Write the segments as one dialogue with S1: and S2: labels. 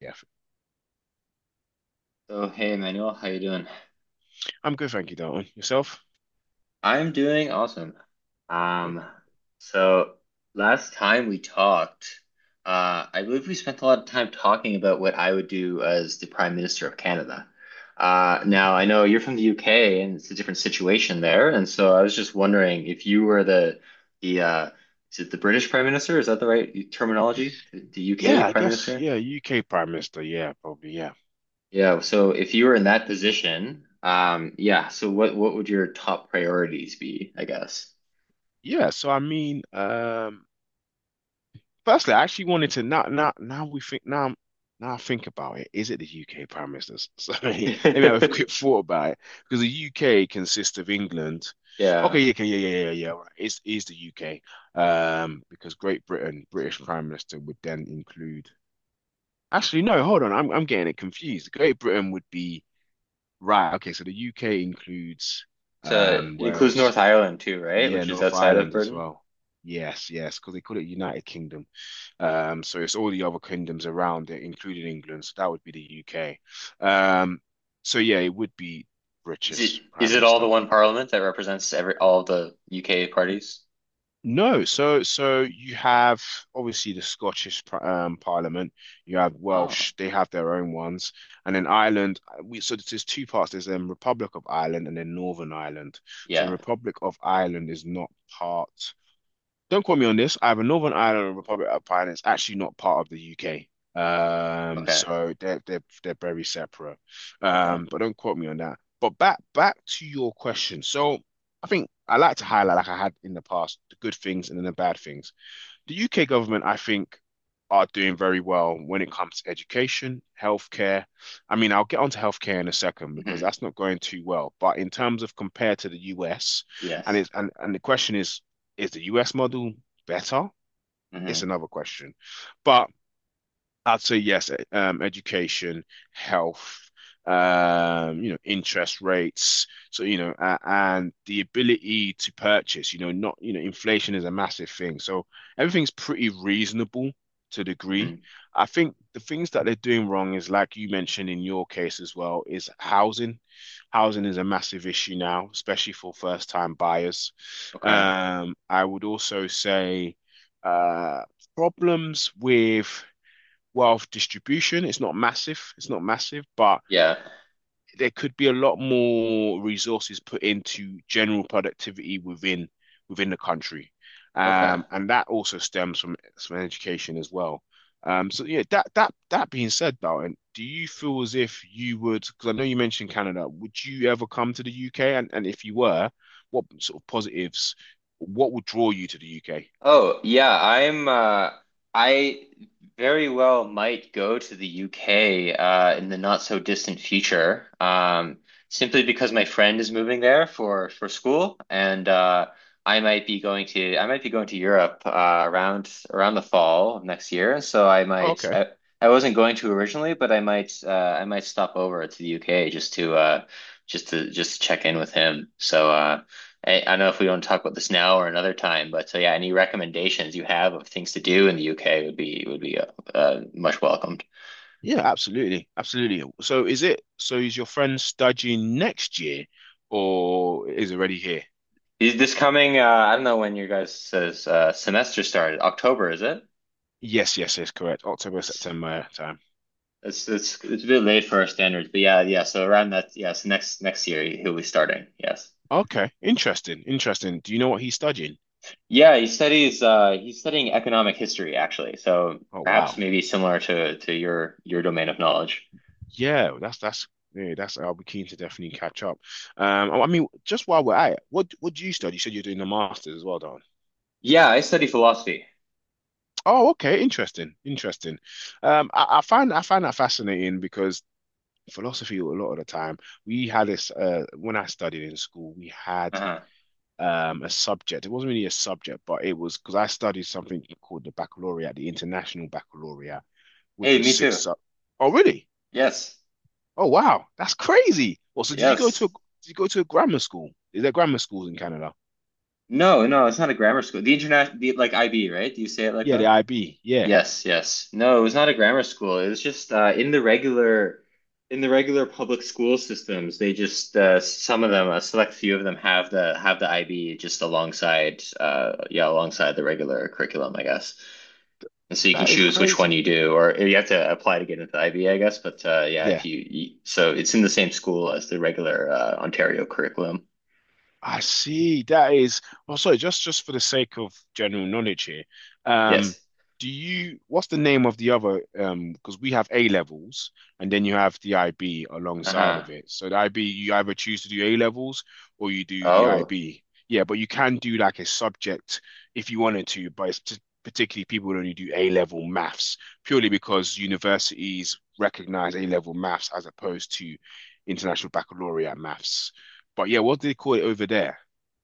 S1: Yeah,
S2: So, hey Manuel, how you doing?
S1: I'm good, thank you, Dalton. Yourself?
S2: I'm doing awesome.
S1: Good,
S2: Um,
S1: good.
S2: so last time we talked, I believe we spent a lot of time talking about what I would do as the Prime Minister of Canada. Now I know you're from the UK and it's a different situation there, and so I was just wondering if you were the is it the British Prime Minister? Is that the right terminology? The UK
S1: Yeah, I
S2: Prime
S1: guess,
S2: Minister?
S1: yeah, UK Prime Minister, yeah, probably, yeah.
S2: Yeah, so if you were in that position, yeah, so what would your top priorities be, I guess?
S1: Yeah, so I mean, firstly, I actually wanted to now I think about it, is it the UK Prime Minister? So let me have a quick thought about it, because the UK consists of England.
S2: Yeah.
S1: Okay, yeah, okay, yeah, yeah, yeah, yeah, right. It's the UK, because Great Britain, British Prime Minister would then include. Actually, no, hold on, I'm getting it confused. Great Britain would be. Right. Okay. So the UK includes
S2: So it includes
S1: Wales.
S2: North Ireland too, right?
S1: Yeah,
S2: Which is
S1: North
S2: outside of
S1: Ireland as
S2: Britain.
S1: well. Yes, yes, because they call it United Kingdom. So it's all the other kingdoms around it, including England. So that would be the UK. Um, so yeah, it would be
S2: Is it
S1: British Prime
S2: is it all the
S1: Minister.
S2: one parliament that represents every all the UK parties?
S1: No, so you have obviously the Scottish Parliament. You have
S2: Oh,
S1: Welsh; they have their own ones, and then Ireland. We. So there's two parts. There's Republic of Ireland and then Northern Ireland. So
S2: yeah.
S1: Republic of Ireland is not part. Don't quote me on this. Either Northern Ireland or Republic of Ireland is actually not part of the UK.
S2: Okay.
S1: So they're very separate.
S2: Okay.
S1: But don't quote me on that. But back to your question. So I think I like to highlight, like I had in the past, the good things and then the bad things the UK government, I think, are doing very well when it comes to education, healthcare. I mean, I'll get onto healthcare in a second because
S2: Hmm.
S1: that's not going too well. But in terms of compared to the US, and
S2: Yes.
S1: it's and, and the question is the US model better? It's
S2: Hmm.
S1: another question. But I'd say yes, education, health, you know, interest rates. So, you know, and the ability to purchase, you know, not, you know, inflation is a massive thing. So everything's pretty reasonable to a
S2: Hmm.
S1: degree. I think the things that they're doing wrong is, like you mentioned in your case as well, is housing. Housing is a massive issue now, especially for first-time buyers.
S2: Okay.
S1: I would also say uh, problems with wealth distribution. It's not massive. It's not massive, but
S2: Yeah.
S1: there could be a lot more resources put into general productivity within the country,
S2: Okay.
S1: and that also stems from education as well. So yeah, that being said, Dalton, do you feel as if you would? Because I know you mentioned Canada. Would you ever come to the UK? And if you were, what sort of positives? What would draw you to the UK?
S2: Oh, yeah, I very well might go to the UK in the not so distant future. Simply because my friend is moving there for school and I might be going to Europe around the fall of next year. So
S1: Oh, okay.
S2: I wasn't going to originally, but I might stop over to the UK just to check in with him. So I don't know if we want to talk about this now or another time, but so yeah, any recommendations you have of things to do in the UK would be much welcomed.
S1: Yeah, absolutely. Absolutely. So is it so is your friend studying next year or is already here?
S2: Is this coming? I don't know when your guys' semester started. October, is it?
S1: Yes, yes, yes, correct. October,
S2: It's
S1: September, yeah, time.
S2: it's a bit late for our standards, but yeah, yeah. So around that, yes, next year he'll be starting. Yes,
S1: Okay. Interesting. Interesting. Do you know what he's studying?
S2: yeah. He studies. He's studying economic history actually. So
S1: Oh
S2: perhaps
S1: wow.
S2: maybe similar to your domain of knowledge.
S1: Yeah, that's I'll be keen to definitely catch up. I mean just while we're at it, what do you study? You said you're doing a master's as well, Don.
S2: Yeah, I study philosophy.
S1: Oh, okay, interesting, interesting. I find that fascinating because philosophy a lot of the time. We had this when I studied in school, we had
S2: Uh-huh.
S1: a subject. It wasn't really a subject, but it was because I studied something called the baccalaureate, the International Baccalaureate, which
S2: Hey,
S1: was
S2: me
S1: six
S2: too.
S1: sub. Oh, really?
S2: Yes.
S1: Oh, wow, that's crazy. Well, so
S2: Yes.
S1: did you go to a grammar school? Is there grammar schools in Canada?
S2: No, no, it's not a grammar school. The like IB, right? Do you say it like
S1: Yeah, the
S2: that?
S1: IB. Yeah,
S2: Yes, yes. No, it was not a grammar school. It was just in the regular public school systems. They just Some of them, a select few of them have the IB just alongside, yeah, alongside the regular curriculum, I guess. And so you can
S1: that is Oh,
S2: choose which one
S1: crazy.
S2: you do, or you have to apply to get into the IB, I guess. But yeah, if
S1: Yeah,
S2: you, you so it's in the same school as the regular Ontario curriculum.
S1: I see. That is, well, sorry, just for the sake of general knowledge here, um,
S2: Yes.
S1: what's the name of the other, because we have A levels and then you have the IB alongside
S2: Uh-huh.
S1: of it. So the IB, you either choose to do A levels or you do the
S2: Oh.
S1: IB. Yeah, but you can do like a subject if you wanted to, particularly people who only do A level maths purely because universities recognize A level maths as opposed to International Baccalaureate maths. But yeah, what do they call it over there?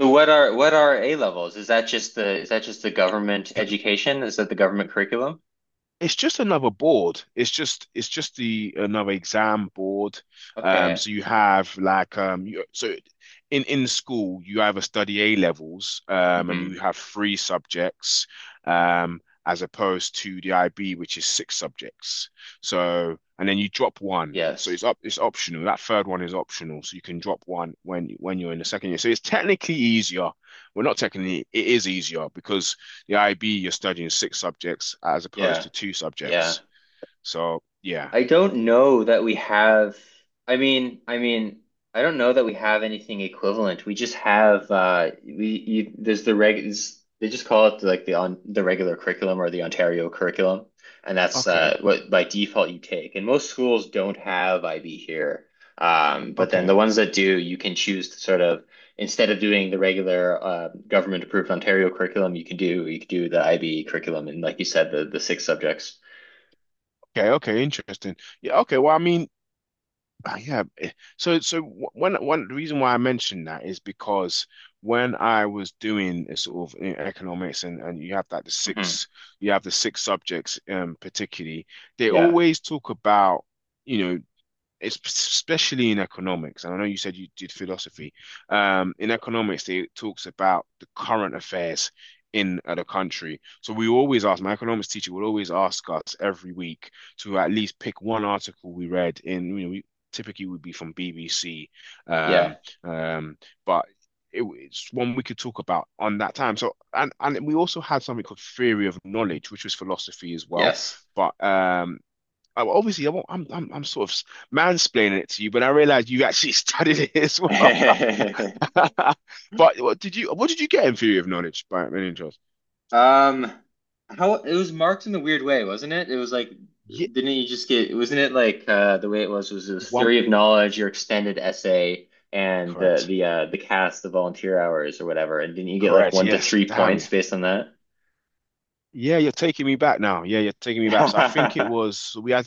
S2: So what are A levels? Is that just the government education? Is that the government curriculum?
S1: It's just another board. It's just the another exam board.
S2: Okay.
S1: So you have like so in school you either study A levels and
S2: Hmm.
S1: you have three subjects, as opposed to the IB which is six subjects. So and then you drop one. So
S2: Yes.
S1: it's optional. That third one is optional. So you can drop one when you're in the second year. So it's technically easier. Well, not technically, it is easier because the IB, you're studying six subjects as opposed
S2: Yeah.
S1: to two
S2: Yeah.
S1: subjects. So yeah,
S2: I don't know that we have. I mean, I don't know that we have anything equivalent. We just have there's the reg. It's- They just call it like the on the regular curriculum or the Ontario curriculum, and that's
S1: okay,
S2: what by default you take. And most schools don't have IB here, but then the
S1: okay,
S2: ones that do, you can choose to sort of instead of doing the regular government approved Ontario curriculum, you could do the IB curriculum and like you said, the six subjects.
S1: okay, okay, interesting. Yeah, okay. Well, I mean, yeah. So so wh- one one the reason why I mentioned that is because when I was doing a sort of economics and
S2: Hmm.
S1: you have the six subjects, particularly they
S2: Yeah.
S1: always talk about. You know, it's especially in economics, and I know you said you did philosophy. In economics, it talks about the current affairs in the country. So we always ask, my economics teacher will always ask us every week to at least pick one article we read in, you know, we typically would be from BBC,
S2: Yeah.
S1: um, um, but it's one we could talk about on that time. So, and we also had something called theory of knowledge, which was philosophy as well,
S2: Yes.
S1: but obviously, I won't, I'm sort of mansplaining it to you, but I realized you actually studied it as well. But what did you get in theory of knowledge by many interest?
S2: Um, how it was marked in a weird way, wasn't it? It was like,
S1: Yeah,
S2: didn't you just get, wasn't it like the way it was this
S1: one
S2: theory of knowledge, your extended essay, and
S1: correct,
S2: the cast, the volunteer hours or whatever, and didn't you get like
S1: correct.
S2: one to
S1: Yes,
S2: three
S1: damn you.
S2: points based on that?
S1: Yeah, you're taking me back now. Yeah, you're taking me back. So I think it was.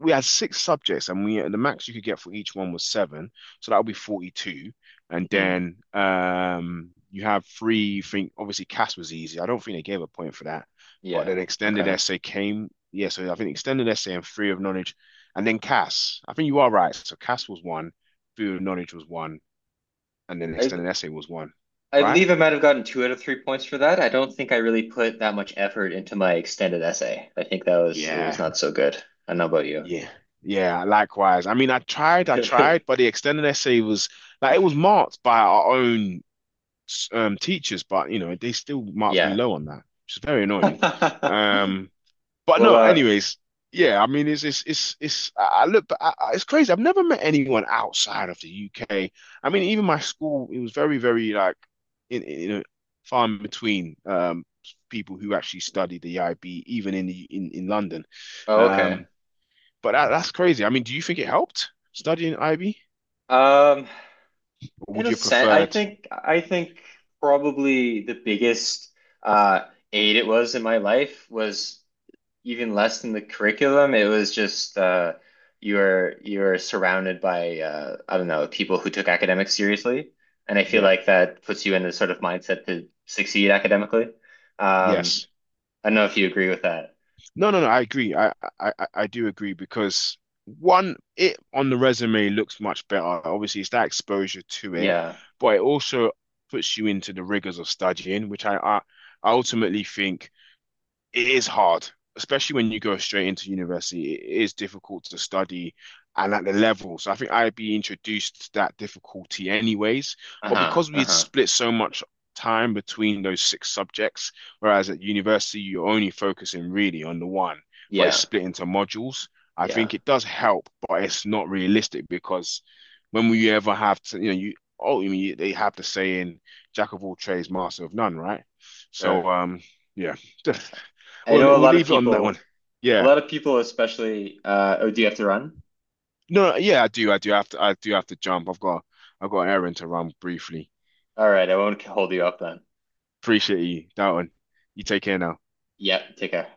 S1: We had six subjects and we the max you could get for each one was seven, so that would be 42. And
S2: Mhm.
S1: then, you have three. Think Obviously, CAS was easy. I don't think they gave a point for that, but
S2: Yeah.
S1: then extended
S2: Okay.
S1: essay came. Yeah, so I think extended essay and theory of knowledge and then CAS. I think you are right. So CAS was one, theory of knowledge was one, and then
S2: I
S1: extended essay was one.
S2: I
S1: Right.
S2: believe I might have gotten two out of 3 points for that. I don't think I really put that much effort into my extended essay. I think that was It was
S1: Yeah.
S2: not so good. I don't know about you.
S1: Yeah, yeah, likewise. I mean, I tried, but the extended essay was like it was marked by our own, teachers, but you know they still marked me
S2: Yeah.
S1: low on that, which is very annoying. Um, but
S2: Well,
S1: no, anyways, yeah, I mean it's I look, but I- it's crazy. I've never met anyone outside of the UK. I mean, even my school, it was very very like you know, far in between, people who actually studied the IB, even in the in London.
S2: oh, okay.
S1: Um, but that's crazy. I mean, do you think it helped studying IB,
S2: Um,
S1: or
S2: in
S1: would
S2: a
S1: you have
S2: sense, I
S1: preferred?
S2: think I think probably the biggest uh aid it was in my life was even less than the curriculum. It was just you're surrounded by I don't know, people who took academics seriously. And I feel
S1: Yeah.
S2: like that puts you in the sort of mindset to succeed academically. Um,
S1: Yes.
S2: I don't know if you agree with that.
S1: No, no, no. I agree. I do agree because one, it on the resume looks much better. Obviously, it's that exposure to it,
S2: Yeah.
S1: but it also puts you into the rigors of studying, which I ultimately think it is hard, especially when you go straight into university. It is difficult to study and at the level. So I think IB introduced that difficulty anyways. But
S2: Uh-huh.
S1: because we had
S2: Uh-huh.
S1: split so much time between those six subjects, whereas at university you're only focusing really on the one, but it's
S2: Yeah.
S1: split into modules. I
S2: Yeah.
S1: think it does help, but it's not realistic because when will you ever have to, you know, you oh, I mean, they have the saying, "Jack of all trades, master of none," right?
S2: Sure.
S1: So, yeah.
S2: I
S1: We'll
S2: know a
S1: we'll
S2: lot of
S1: leave it on that one.
S2: people, a
S1: Yeah.
S2: lot of people, especially. Oh, do you have to run?
S1: No, no, yeah, I do. I do have to. I do have to jump. I've got an errand to run briefly.
S2: All right, I won't hold you up then.
S1: Appreciate you, that one. You take care now.
S2: Yeah, take care.